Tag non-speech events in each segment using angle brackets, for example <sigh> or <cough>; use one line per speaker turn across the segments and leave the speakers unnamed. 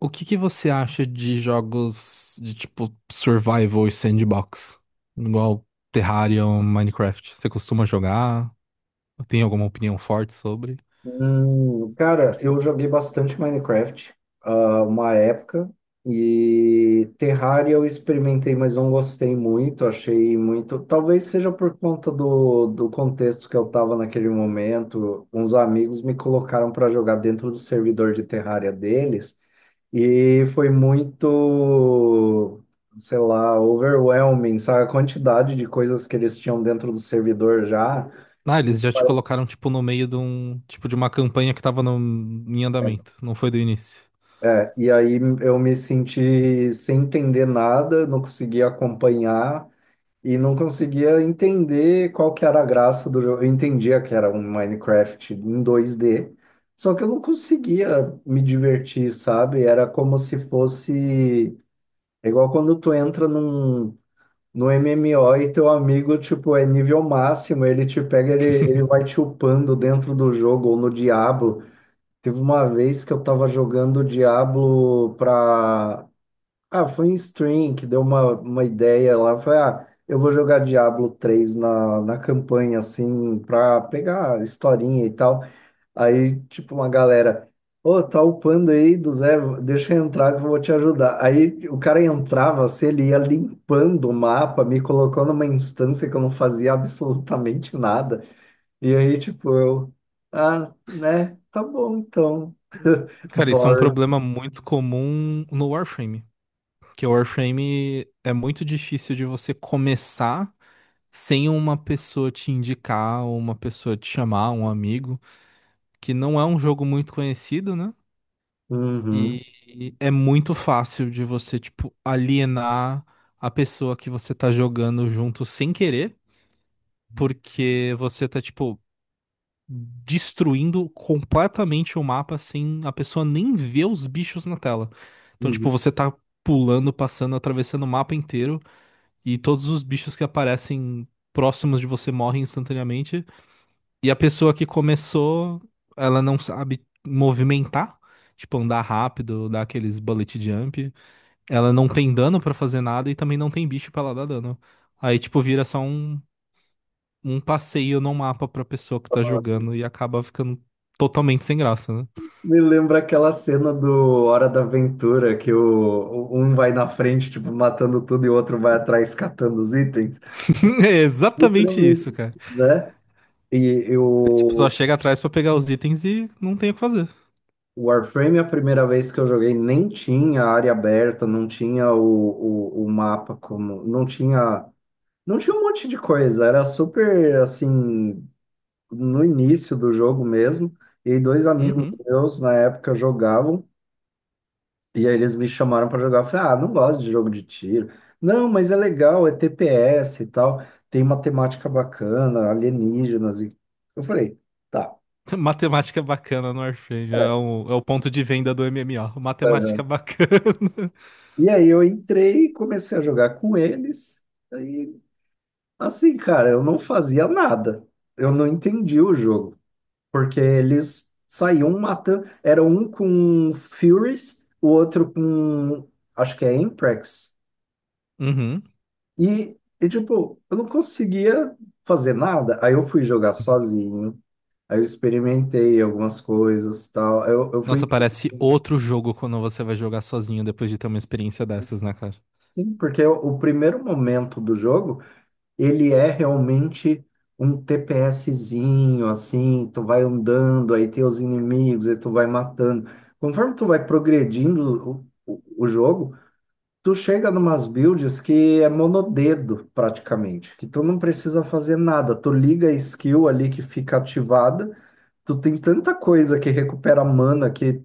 O que que você acha de jogos de tipo survival e sandbox? Igual Terraria Minecraft. Você costuma jogar? Tem alguma opinião forte sobre?
Cara, eu joguei bastante Minecraft, uma época, e Terraria eu experimentei, mas não gostei muito, achei muito. Talvez seja por conta do contexto que eu estava naquele momento. Uns amigos me colocaram para jogar dentro do servidor de Terraria deles, e foi muito, sei lá, overwhelming, sabe? A quantidade de coisas que eles tinham dentro do servidor já.
Ah, eles já te colocaram tipo no meio de um tipo de uma campanha que tava em andamento, não foi do início.
É, e aí eu me senti sem entender nada, não conseguia acompanhar e não conseguia entender qual que era a graça do jogo. Eu entendia que era um Minecraft em 2D, só que eu não conseguia me divertir, sabe? Era como se fosse é igual quando tu entra num no MMO e teu amigo, tipo, é nível máximo, ele te pega, ele vai
<laughs>
te upando dentro do jogo ou no Diablo. Teve uma vez que eu tava jogando Diablo pra. Foi em stream que deu uma ideia lá. Foi, eu vou jogar Diablo 3 na campanha, assim, pra pegar historinha e tal. Aí, tipo, uma galera, ô, tá upando aí do Zé, deixa eu entrar que eu vou te ajudar. Aí o cara entrava, assim, ele ia limpando o mapa, me colocou numa instância que eu não fazia absolutamente nada. E aí, tipo, eu. Ah, né? Tá bom, então.
Cara, isso é um
Boring.
problema muito comum no Warframe, que o Warframe é muito difícil de você começar sem uma pessoa te indicar, uma pessoa te chamar, um amigo. Que não é um jogo muito conhecido, né?
Uhum.
E é muito fácil de você, tipo, alienar a pessoa que você tá jogando junto sem querer, porque você tá, tipo, destruindo completamente o mapa sem a pessoa nem ver os bichos na tela. Então, tipo,
Uhum.
você tá pulando, passando, atravessando o mapa inteiro e todos os bichos que aparecem próximos de você morrem instantaneamente. E a pessoa que começou, ela não sabe movimentar, tipo andar rápido, dar aqueles bullet jump. Ela não tem dano pra fazer nada e também não tem bicho pra ela dar dano. Aí, tipo, vira só um passeio no mapa pra pessoa que tá jogando e acaba ficando totalmente sem graça, né?
Me lembra aquela cena do Hora da Aventura, que um vai na frente, tipo, matando tudo, e o outro vai atrás catando os itens.
<laughs> É exatamente isso,
Literalmente,
cara.
né? E e
Você, tipo, só
o
chega atrás pra pegar os itens e não tem o que fazer.
o Warframe, a primeira vez que eu joguei, nem tinha área aberta, não tinha o mapa como. Não tinha. Não tinha um monte de coisa. Era super assim, no início do jogo mesmo. E dois amigos
Uhum.
meus na época jogavam. E aí eles me chamaram pra jogar. Eu falei, ah, não gosto de jogo de tiro. Não, mas é legal, é TPS e tal, tem uma temática bacana, alienígenas. E... Eu falei, tá.
<laughs> Matemática bacana no Warframe. É o ponto de venda do MMO. Matemática bacana.
E aí eu entrei e comecei a jogar com eles. Aí, assim, cara, eu não fazia nada. Eu não entendi o jogo, porque eles saíam matando. Era um com Furies, o outro com, acho que é Imprex.
<laughs> Uhum.
E, tipo, eu não conseguia fazer nada. Aí eu fui jogar sozinho. Aí eu experimentei algumas coisas, tal. Eu fui,
Nossa, parece outro jogo quando você vai jogar sozinho depois de ter uma experiência dessas, né, cara?
sim, porque o primeiro momento do jogo, ele é realmente um TPSzinho, assim, tu vai andando, aí tem os inimigos, aí tu vai matando. Conforme tu vai progredindo o jogo, tu chega numas builds que é monodedo praticamente, que tu não precisa fazer nada. Tu liga a skill ali que fica ativada, tu tem tanta coisa que recupera mana que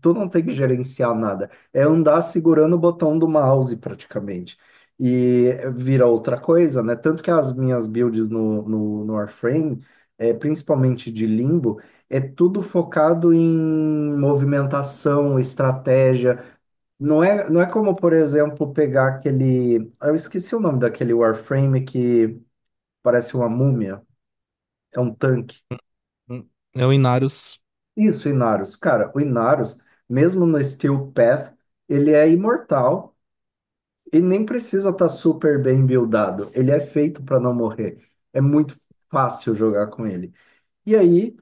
tu não tem que gerenciar nada. É andar segurando o botão do mouse praticamente. E vira outra coisa, né? Tanto que as minhas builds no Warframe, é, principalmente de Limbo, é tudo focado em movimentação, estratégia, não é como, por exemplo, pegar aquele. Eu esqueci o nome daquele Warframe que parece uma múmia, é um tanque.
Hum. É o Inarius,
Isso, o Inarus. Cara, o Inarus, mesmo no Steel Path, ele é imortal e nem precisa estar super bem buildado. Ele é feito para não morrer. É muito fácil jogar com ele. E aí,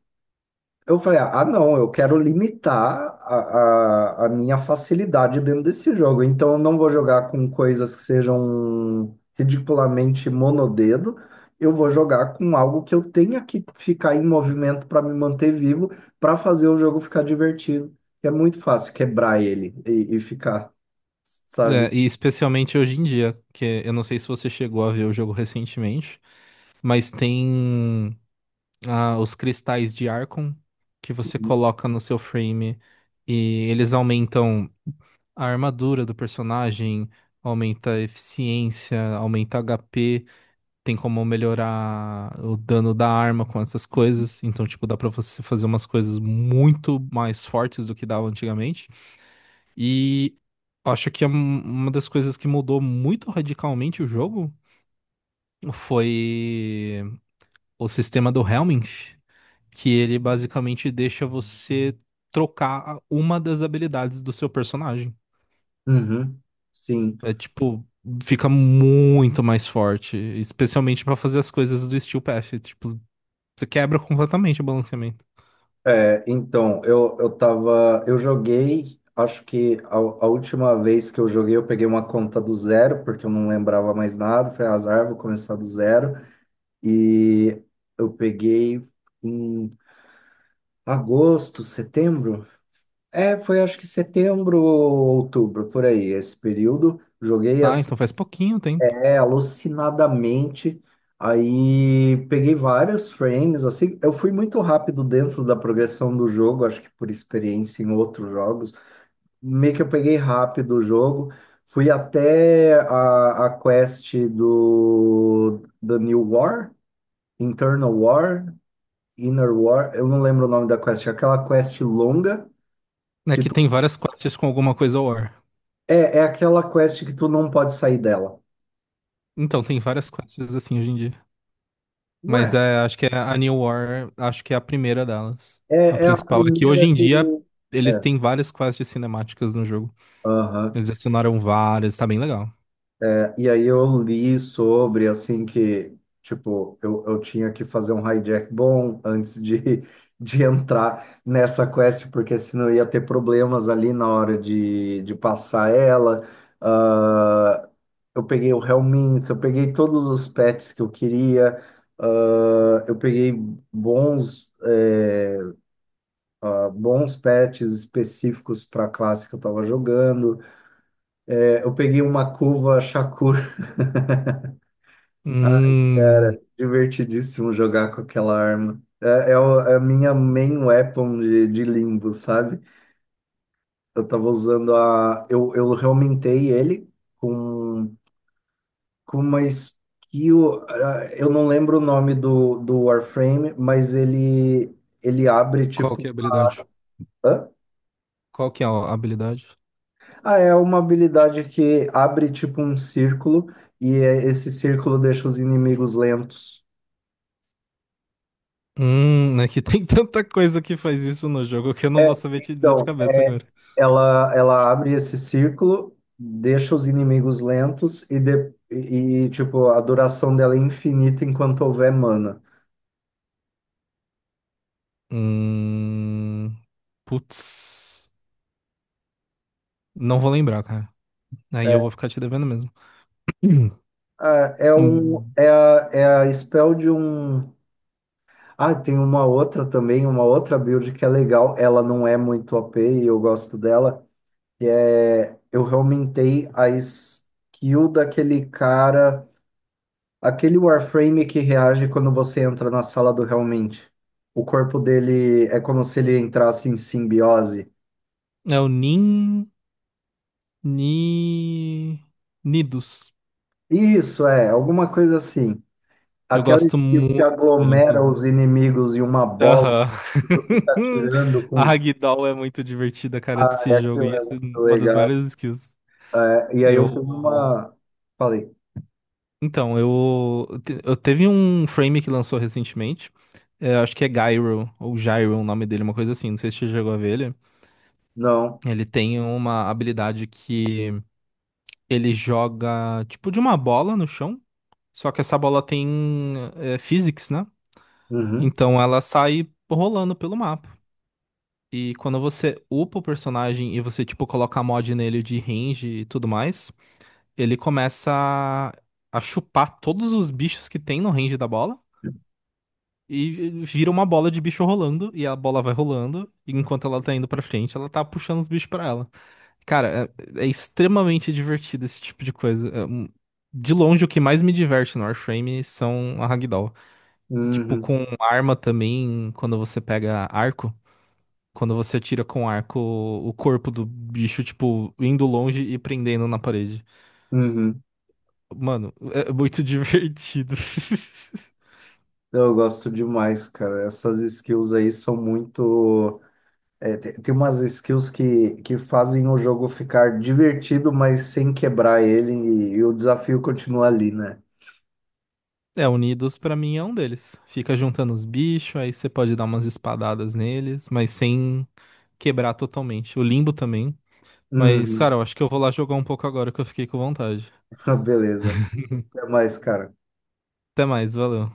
eu falei, não, eu quero limitar a minha facilidade dentro desse jogo. Então, eu não vou jogar com coisas que sejam ridiculamente monodedo. Eu vou jogar com algo que eu tenha que ficar em movimento para me manter vivo, para fazer o jogo ficar divertido. É muito fácil quebrar ele e ficar,
é,
sabe?
e especialmente hoje em dia, que eu não sei se você chegou a ver o jogo recentemente, mas tem os cristais de Archon que você coloca no seu frame e eles aumentam a armadura do personagem, aumenta a eficiência, aumenta HP. Tem como melhorar o dano da arma com essas coisas. Então, tipo, dá pra você fazer umas coisas muito mais fortes do que dava antigamente. E acho que uma das coisas que mudou muito radicalmente o jogo foi o sistema do Helminth, que ele basicamente deixa você trocar uma das habilidades do seu personagem.
Uhum, sim.
É tipo, fica muito mais forte, especialmente pra fazer as coisas do Steel Path. Tipo, você quebra completamente o balanceamento.
É, então, eu tava, eu joguei, acho que a última vez que eu joguei eu peguei uma conta do zero, porque eu não lembrava mais nada, foi azar, vou começar do zero, e eu peguei em agosto, setembro, é, foi acho que setembro ou outubro, por aí, esse período, joguei
Ah,
assim
então faz pouquinho tempo.
é, alucinadamente. Aí peguei vários frames, assim, eu fui muito rápido dentro da progressão do jogo, acho que por experiência em outros jogos. Meio que eu peguei rápido o jogo, fui até a quest do The New War, Internal War, Inner War, eu não lembro o nome da quest, é aquela quest longa
É
que
que
tu,
tem várias quests com alguma coisa War.
é aquela quest que tu não pode sair dela.
Então, tem várias quests assim hoje em dia. Mas
Ué,
é, acho que é a New War, acho que é a primeira delas.
é,
A
é a
principal é que hoje
primeira
em
que.
dia eles
É,
têm várias quests cinemáticas no jogo.
aham.
Eles adicionaram várias, tá bem legal.
E aí eu li sobre, assim, que, tipo, eu tinha que fazer um hijack bom antes de, <laughs> de entrar nessa quest, porque senão eu ia ter problemas ali na hora de passar ela. Ah, eu peguei o Helminth, eu peguei todos os pets que eu queria, eu peguei bons, eh, bons pets específicos para a classe que eu estava jogando. Eu peguei uma curva Shakur. <laughs>
Hum,
Divertidíssimo jogar com aquela arma. É a minha main weapon de limbo, sabe? Eu tava usando a. Eu reaumentei ele com, com uma skill. Eu não lembro o nome do Warframe, mas ele abre
qual que
tipo.
é a habilidade?
Hã?
Qual que é a habilidade?
Ah, é uma habilidade que abre tipo um círculo e esse círculo deixa os inimigos lentos.
É que tem <laughs> tanta coisa que faz isso no jogo que eu não vou
É,
saber te dizer de
então.
cabeça agora.
Ela abre esse círculo, deixa os inimigos lentos e, tipo, a duração dela é infinita enquanto houver mana.
Hum, putz. Não vou lembrar, cara. Aí eu vou ficar te devendo mesmo. <clears throat>
É um,
Hum,
é a, é a spell de um. Tem uma outra também, uma outra build que é legal. Ela não é muito OP e eu gosto dela. Que é. Eu aumentei a skill daquele cara. Aquele Warframe que reage quando você entra na sala do realmente. O corpo dele é como se ele entrasse em simbiose.
é o Nin... Ni... Nidus.
Isso é, alguma coisa assim.
Eu
Aquela
gosto
skill que
muito dele,
aglomera os
inclusive.
inimigos em uma bola
Aham.
que tu fica
<laughs>
atirando
A
com.
Ragdoll é muito divertida, cara,
Aí
desse jogo.
aquilo
E
é
essa é
muito
uma das
legal.
maiores skills.
É, e aí eu
Eu...
fiz uma. Falei,
Então, eu... te- Eu teve um frame que lançou recentemente. É, acho que é Gyro, ou Gyro, o nome dele, uma coisa assim. Não sei se você chegou a ver ele.
não.
Ele tem uma habilidade que... Ele joga tipo de uma bola no chão, só que essa bola tem é, physics, né?
Uhum,
Então ela sai rolando pelo mapa. E quando você upa o personagem e você tipo coloca mod nele de range e tudo mais, ele começa a chupar todos os bichos que tem no range da bola e vira uma bola de bicho rolando e a bola vai rolando e enquanto ela tá indo pra frente, ela tá puxando os bichos pra ela. Cara, é extremamente divertido esse tipo de coisa. De longe, o que mais me diverte no Warframe são a Ragdoll. Tipo,
uhum,
com arma também, quando você pega arco, quando você atira com arco o corpo do bicho, tipo, indo longe e prendendo na parede.
uhum.
Mano, é muito <laughs> divertido.
Eu gosto demais, cara. Essas skills aí são muito. É, tem, umas skills que fazem o jogo ficar divertido, mas sem quebrar ele, e o desafio continua ali, né?
É, Unidos pra mim é um deles. Fica juntando os bichos, aí você pode dar umas espadadas neles, mas sem quebrar totalmente. O Limbo também. Mas, cara,
Uhum.
eu acho que eu vou lá jogar um pouco agora que eu fiquei com vontade.
<laughs> Beleza. Até mais, cara.
Até mais, valeu.